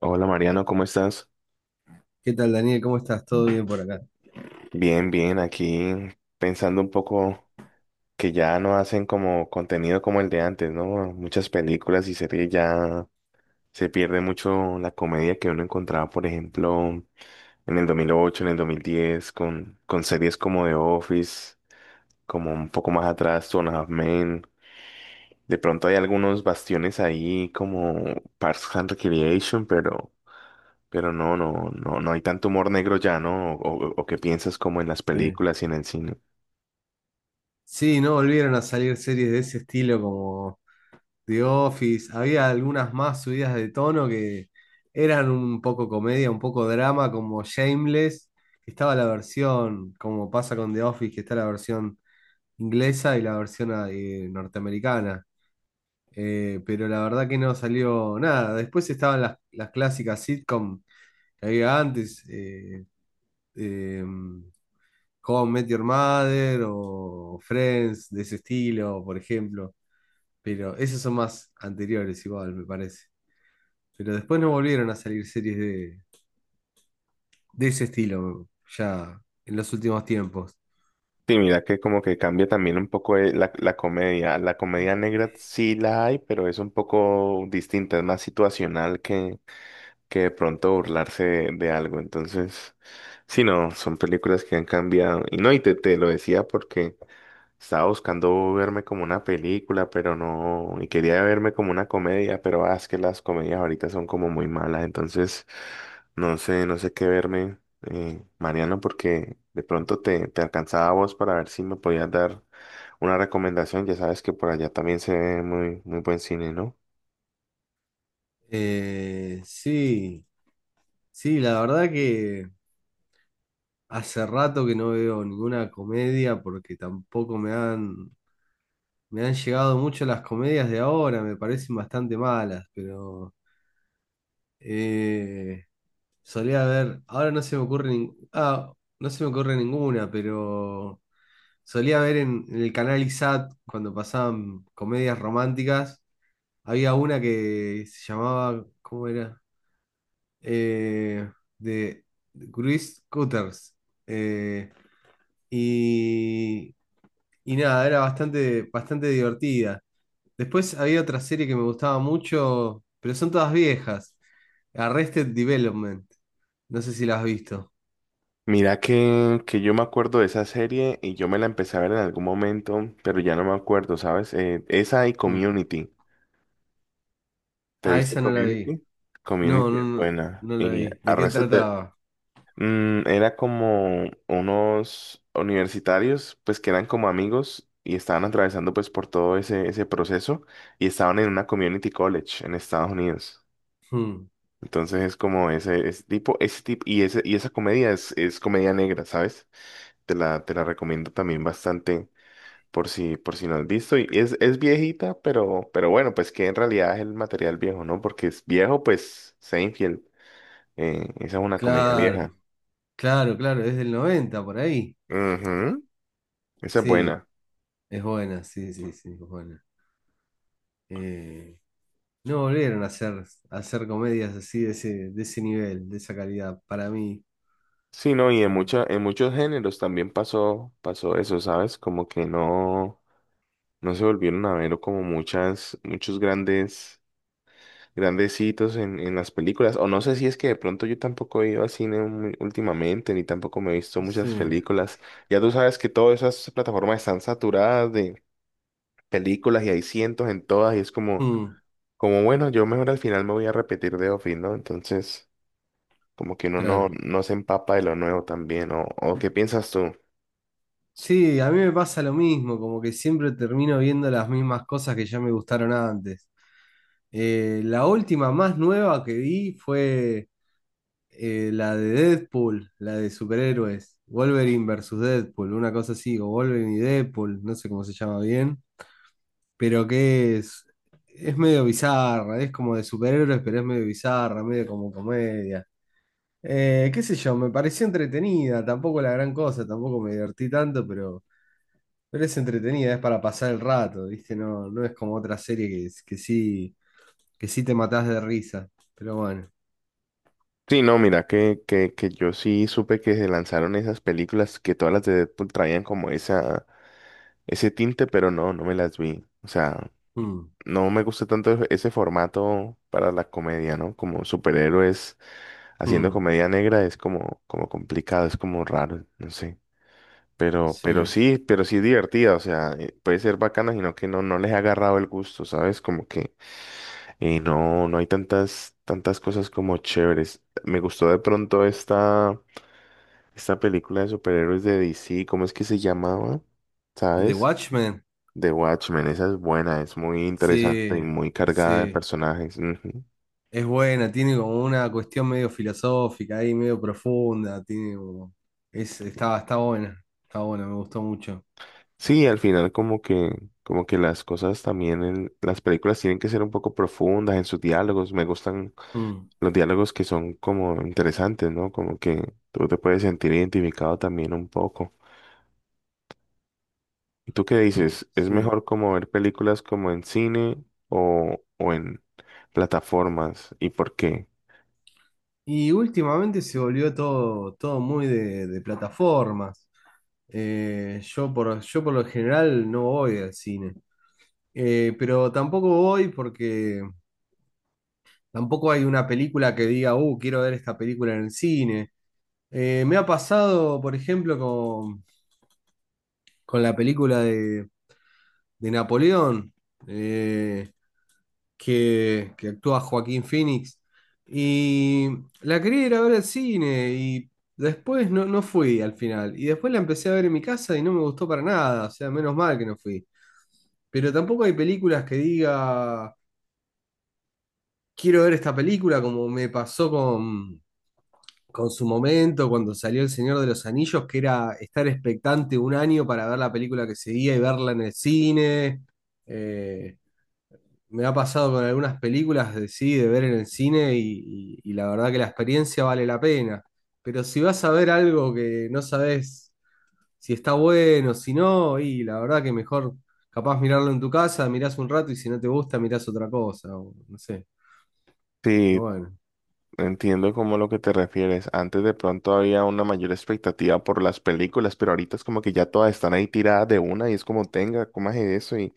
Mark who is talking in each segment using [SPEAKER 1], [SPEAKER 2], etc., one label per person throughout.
[SPEAKER 1] Hola Mariano, ¿cómo estás?
[SPEAKER 2] ¿Qué tal, Daniel? ¿Cómo estás? ¿Todo bien por acá?
[SPEAKER 1] Bien, bien, aquí pensando un poco que ya no hacen como contenido como el de antes, ¿no? Muchas películas y series ya se pierde mucho la comedia que uno encontraba, por ejemplo, en el 2008, en el 2010, con series como The Office, como un poco más atrás, Two and a Half Men. De pronto hay algunos bastiones ahí como Parks and Recreation, pero... Pero no hay tanto humor negro ya, ¿no? O o que piensas como en las
[SPEAKER 2] Sí.
[SPEAKER 1] películas y en el cine.
[SPEAKER 2] Sí, no volvieron a salir series de ese estilo como The Office. Había algunas más subidas de tono que eran un poco comedia, un poco drama, como Shameless. Estaba la versión, como pasa con The Office, que está la versión inglesa y la versión norteamericana. Pero la verdad que no salió nada. Después estaban las clásicas sitcom que había antes. Em, How I Met Your Mother o Friends de ese estilo, por ejemplo. Pero esos son más anteriores igual, me parece. Pero después no volvieron a salir series de ese estilo ya en los últimos tiempos.
[SPEAKER 1] Sí, mira que como que cambia también un poco la comedia. La comedia negra sí la hay, pero es un poco distinta, es más situacional que de pronto burlarse de algo. Entonces, sí, no, son películas que han cambiado. Y no, y te lo decía porque estaba buscando verme como una película, pero no, y quería verme como una comedia, pero es que las comedias ahorita son como muy malas, entonces no sé, no sé qué verme, Mariano, porque de pronto te alcanzaba a vos para ver si me podías dar una recomendación, ya sabes que por allá también se ve muy, muy buen cine, ¿no?
[SPEAKER 2] Sí, sí, la verdad que hace rato que no veo ninguna comedia porque tampoco me han llegado mucho las comedias de ahora, me parecen bastante malas, pero... eh, Solía ver, ahora no se me ocurre nin- ah, no se me ocurre ninguna, pero solía ver en el canal ISAT cuando pasaban comedias románticas, había una que se llamaba, ¿cómo era? Eh, de Chris Cutters. Eh, y, y nada, era bastante divertida. Después había otra serie que me gustaba mucho, pero son todas viejas. Arrested Development. No sé si la has visto.
[SPEAKER 1] Mira que yo me acuerdo de esa serie y yo me la empecé a ver en algún momento, pero ya no me acuerdo, ¿sabes? Esa y
[SPEAKER 2] Mm.
[SPEAKER 1] Community. ¿Te
[SPEAKER 2] Ah,
[SPEAKER 1] viste
[SPEAKER 2] esa no la vi.
[SPEAKER 1] Community?
[SPEAKER 2] No,
[SPEAKER 1] Community
[SPEAKER 2] no,
[SPEAKER 1] es
[SPEAKER 2] no,
[SPEAKER 1] buena.
[SPEAKER 2] no la
[SPEAKER 1] Y
[SPEAKER 2] vi.
[SPEAKER 1] a
[SPEAKER 2] ¿De qué
[SPEAKER 1] veces de,
[SPEAKER 2] trataba?
[SPEAKER 1] era como unos universitarios, pues que eran como amigos y estaban atravesando pues por todo ese proceso y estaban en una community college en Estados Unidos.
[SPEAKER 2] Mm.
[SPEAKER 1] Entonces es como ese tipo, y, ese, y esa comedia es comedia negra, ¿sabes? Te la recomiendo también bastante por si no has visto. Y es viejita, pero bueno, pues que en realidad es el material viejo, ¿no? Porque es viejo, pues Seinfeld. Esa es una comedia vieja.
[SPEAKER 2] Claro, claro, claro, es del 90 por ahí.
[SPEAKER 1] Ujú, esa es
[SPEAKER 2] Sí,
[SPEAKER 1] buena.
[SPEAKER 2] es buena, sí, sí, sí, es buena. Eh, no volvieron a a hacer comedias así de de ese nivel, de esa calidad, para mí.
[SPEAKER 1] Sí, no, y en
[SPEAKER 2] Eh,
[SPEAKER 1] mucha, en muchos géneros también pasó, pasó eso, ¿sabes? Como que no, no se volvieron a ver como muchas, muchos grandes, grandecitos en las películas. O no sé si es que de pronto yo tampoco he ido al cine muy- últimamente, ni tampoco me he visto
[SPEAKER 2] sí,
[SPEAKER 1] muchas películas. Ya tú sabes que todas esas plataformas están saturadas de películas y hay cientos en todas y es como,
[SPEAKER 2] Mm,
[SPEAKER 1] como bueno, yo mejor al final me voy a repetir de Office, ¿no? Entonces, como que uno no,
[SPEAKER 2] claro.
[SPEAKER 1] no se empapa de lo nuevo también, o qué piensas tú?
[SPEAKER 2] Sí, a mí me pasa lo mismo, como que siempre termino viendo las mismas cosas que ya me gustaron antes. La última más nueva que vi fue la de Deadpool, la de superhéroes, Wolverine versus Deadpool, una cosa así, o Wolverine y Deadpool, no sé cómo se llama bien, pero es medio bizarra, es como de superhéroes, pero es medio bizarra, medio como comedia. Qué sé yo, me pareció entretenida, tampoco la gran cosa, tampoco me divertí tanto, pero... Pero es entretenida, es para pasar el rato, ¿viste? No, no es como otra serie que sí te matás de risa. Pero bueno.
[SPEAKER 1] Sí, no, mira, que yo sí supe que se lanzaron esas películas que todas las de Deadpool traían como esa, ese tinte, pero no, no me las vi. O sea,
[SPEAKER 2] Mm,
[SPEAKER 1] no me gusta tanto e-, ese formato para la comedia, ¿no? Como superhéroes haciendo
[SPEAKER 2] mm,
[SPEAKER 1] comedia negra es como, como complicado, es como raro, no sé.
[SPEAKER 2] sí.
[SPEAKER 1] Pero sí es divertida, o sea, puede ser bacana, sino que no, no les ha agarrado el gusto, ¿sabes? Como que no, no hay tantas, tantas cosas como chéveres. Me gustó de pronto esta película de superhéroes de DC, ¿cómo es que se llamaba?
[SPEAKER 2] ¿The
[SPEAKER 1] ¿Sabes?
[SPEAKER 2] Watchmen?
[SPEAKER 1] The Watchmen, esa es buena, es muy interesante y
[SPEAKER 2] Sí,
[SPEAKER 1] muy cargada de
[SPEAKER 2] sí.
[SPEAKER 1] personajes. Ujú.
[SPEAKER 2] Es buena, tiene como una cuestión medio filosófica ahí, medio profunda. Tiene como... Es, está, está buena. Está buena, me gustó mucho.
[SPEAKER 1] Sí, al final como que las cosas también en las películas tienen que ser un poco profundas en sus diálogos. Me gustan
[SPEAKER 2] Mm,
[SPEAKER 1] los diálogos que son como interesantes, ¿no? Como que tú te puedes sentir identificado también un poco. ¿Y tú qué dices? ¿Es
[SPEAKER 2] sí.
[SPEAKER 1] mejor como ver películas como en cine o en plataformas? ¿Y por qué?
[SPEAKER 2] Y últimamente se volvió todo muy de plataformas. Yo por lo general no voy al cine. Pero tampoco voy porque tampoco hay una película que diga, quiero ver esta película en el cine. Me ha pasado, por ejemplo, con la película de Napoleón. Eh, que actúa Joaquín Phoenix. Y la quería ir a ver al cine y después no, no fui al final. Y después la empecé a ver en mi casa y no me gustó para nada, o sea, menos mal que no fui. Pero tampoco hay películas que diga, quiero ver esta película como me pasó con su momento cuando salió El Señor de los Anillos, que era estar expectante un año para ver la película que seguía y verla en el cine. Eh, Me ha pasado con algunas películas de sí, de ver en el cine y la verdad que la experiencia vale la pena. Pero si vas a ver algo que no sabes si está bueno, si no, y la verdad que mejor capaz mirarlo en tu casa, mirás un rato y si no te gusta, mirás otra cosa, o no sé. Pero
[SPEAKER 1] Sí,
[SPEAKER 2] bueno.
[SPEAKER 1] entiendo como lo que te refieres. Antes de pronto había una mayor expectativa por las películas, pero ahorita es como que ya todas están ahí tiradas de una y es como tenga, comas eso y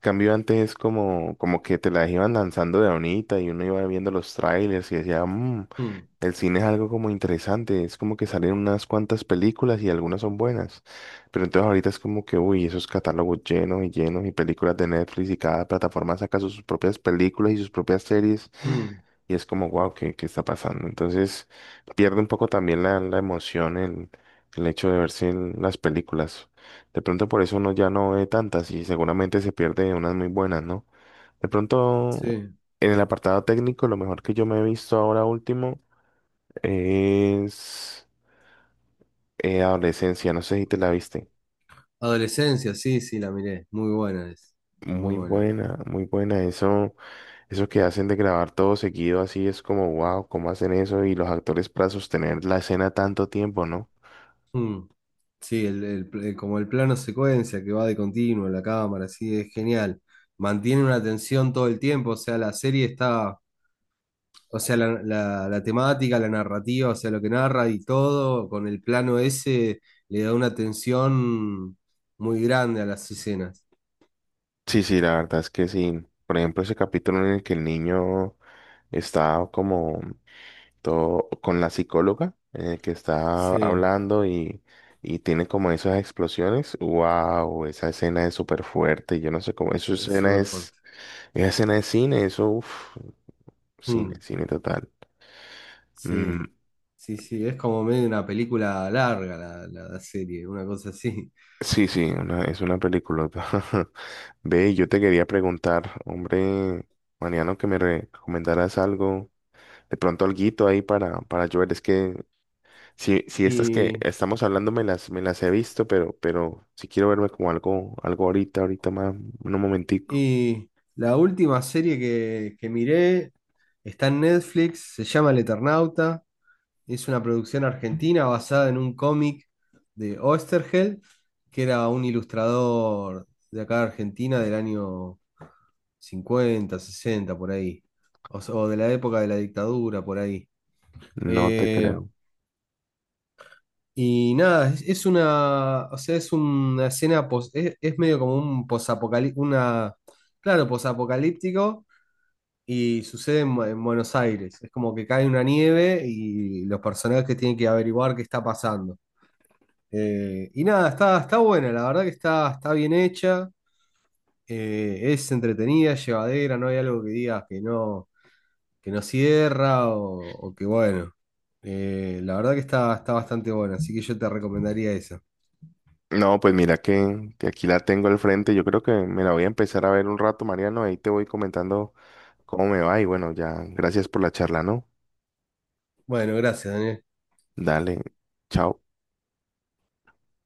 [SPEAKER 1] cambio antes como, como que te las iban lanzando de bonita y uno iba viendo los trailers y decía, "Mm,
[SPEAKER 2] Mm,
[SPEAKER 1] el cine es algo como interesante, es como que salen unas cuantas películas y algunas son buenas. Pero entonces ahorita es como que, uy, esos catálogos llenos y llenos y películas de Netflix y cada plataforma saca sus propias películas y sus propias series
[SPEAKER 2] mm,
[SPEAKER 1] y es como, wow, ¿qué, qué está pasando? Entonces pierde un poco también la emoción, el hecho de verse en las películas. De pronto por eso uno ya no ve tantas y seguramente se pierde unas muy buenas, ¿no? De pronto
[SPEAKER 2] sí.
[SPEAKER 1] en el apartado técnico, lo mejor que yo me he visto ahora último es Adolescencia, no sé si te la viste.
[SPEAKER 2] Adolescencia, sí, sí, la miré. Muy buena es. Muy
[SPEAKER 1] Muy
[SPEAKER 2] buena.
[SPEAKER 1] buena, muy buena. Eso que hacen de grabar todo seguido así es como, wow, ¿cómo hacen eso? Y los actores para sostener la escena tanto tiempo, ¿no?
[SPEAKER 2] Mm. Sí, como el plano secuencia que va de continuo en la cámara, sí, es genial. Mantiene una tensión todo el tiempo, o sea, la serie está, o sea, la temática, la narrativa, o sea, lo que narra y todo, con el plano ese, le da una tensión muy grande a las escenas.
[SPEAKER 1] Sí, sí, la verdad es que sí. Por ejemplo, ese capítulo en el que el niño está como todo con la psicóloga, en el que está
[SPEAKER 2] Sí,
[SPEAKER 1] hablando y tiene como esas explosiones. Wow, esa escena es súper fuerte. Yo no sé cómo,
[SPEAKER 2] es súper fuerte.
[SPEAKER 1] esa escena es cine, eso, uf, cine,
[SPEAKER 2] Mm,
[SPEAKER 1] cine total. Mm,
[SPEAKER 2] sí, sí, sí, es como medio una película larga la serie, una cosa así.
[SPEAKER 1] sí, sí, una- es una película. Ve, yo te quería preguntar, hombre, Mariano, que me recomendaras algo. De pronto alguito ahí para yo ver. Es que si, si estas que
[SPEAKER 2] Y
[SPEAKER 1] estamos hablando me las he visto, pero si quiero verme como algo, algo ahorita, ahorita más, un momentico.
[SPEAKER 2] Y la última serie que miré está en Netflix, se llama El Eternauta, es una producción argentina basada en un cómic de Oesterheld, que era un ilustrador de acá de Argentina del año 50 60 por ahí, o de la época de la dictadura, por ahí.
[SPEAKER 1] No te
[SPEAKER 2] Eh,
[SPEAKER 1] creo.
[SPEAKER 2] y nada, es una, o sea, es medio como un claro, posapocalíptico. Y sucede en Buenos Aires. Es como que cae una nieve y los personajes tienen que averiguar qué está pasando. Nada, está, está buena, la verdad que está, está bien hecha, es entretenida, llevadera, no hay algo que digas que no cierra o que bueno. La verdad que está, está bastante buena, así que yo te recomendaría esa.
[SPEAKER 1] No, pues mira que aquí la tengo al frente. Yo creo que me la voy a empezar a ver un rato, Mariano. Ahí te voy comentando cómo me va. Y bueno, ya, gracias por la charla, ¿no?
[SPEAKER 2] Bueno, gracias, Daniel.
[SPEAKER 1] Dale, chao.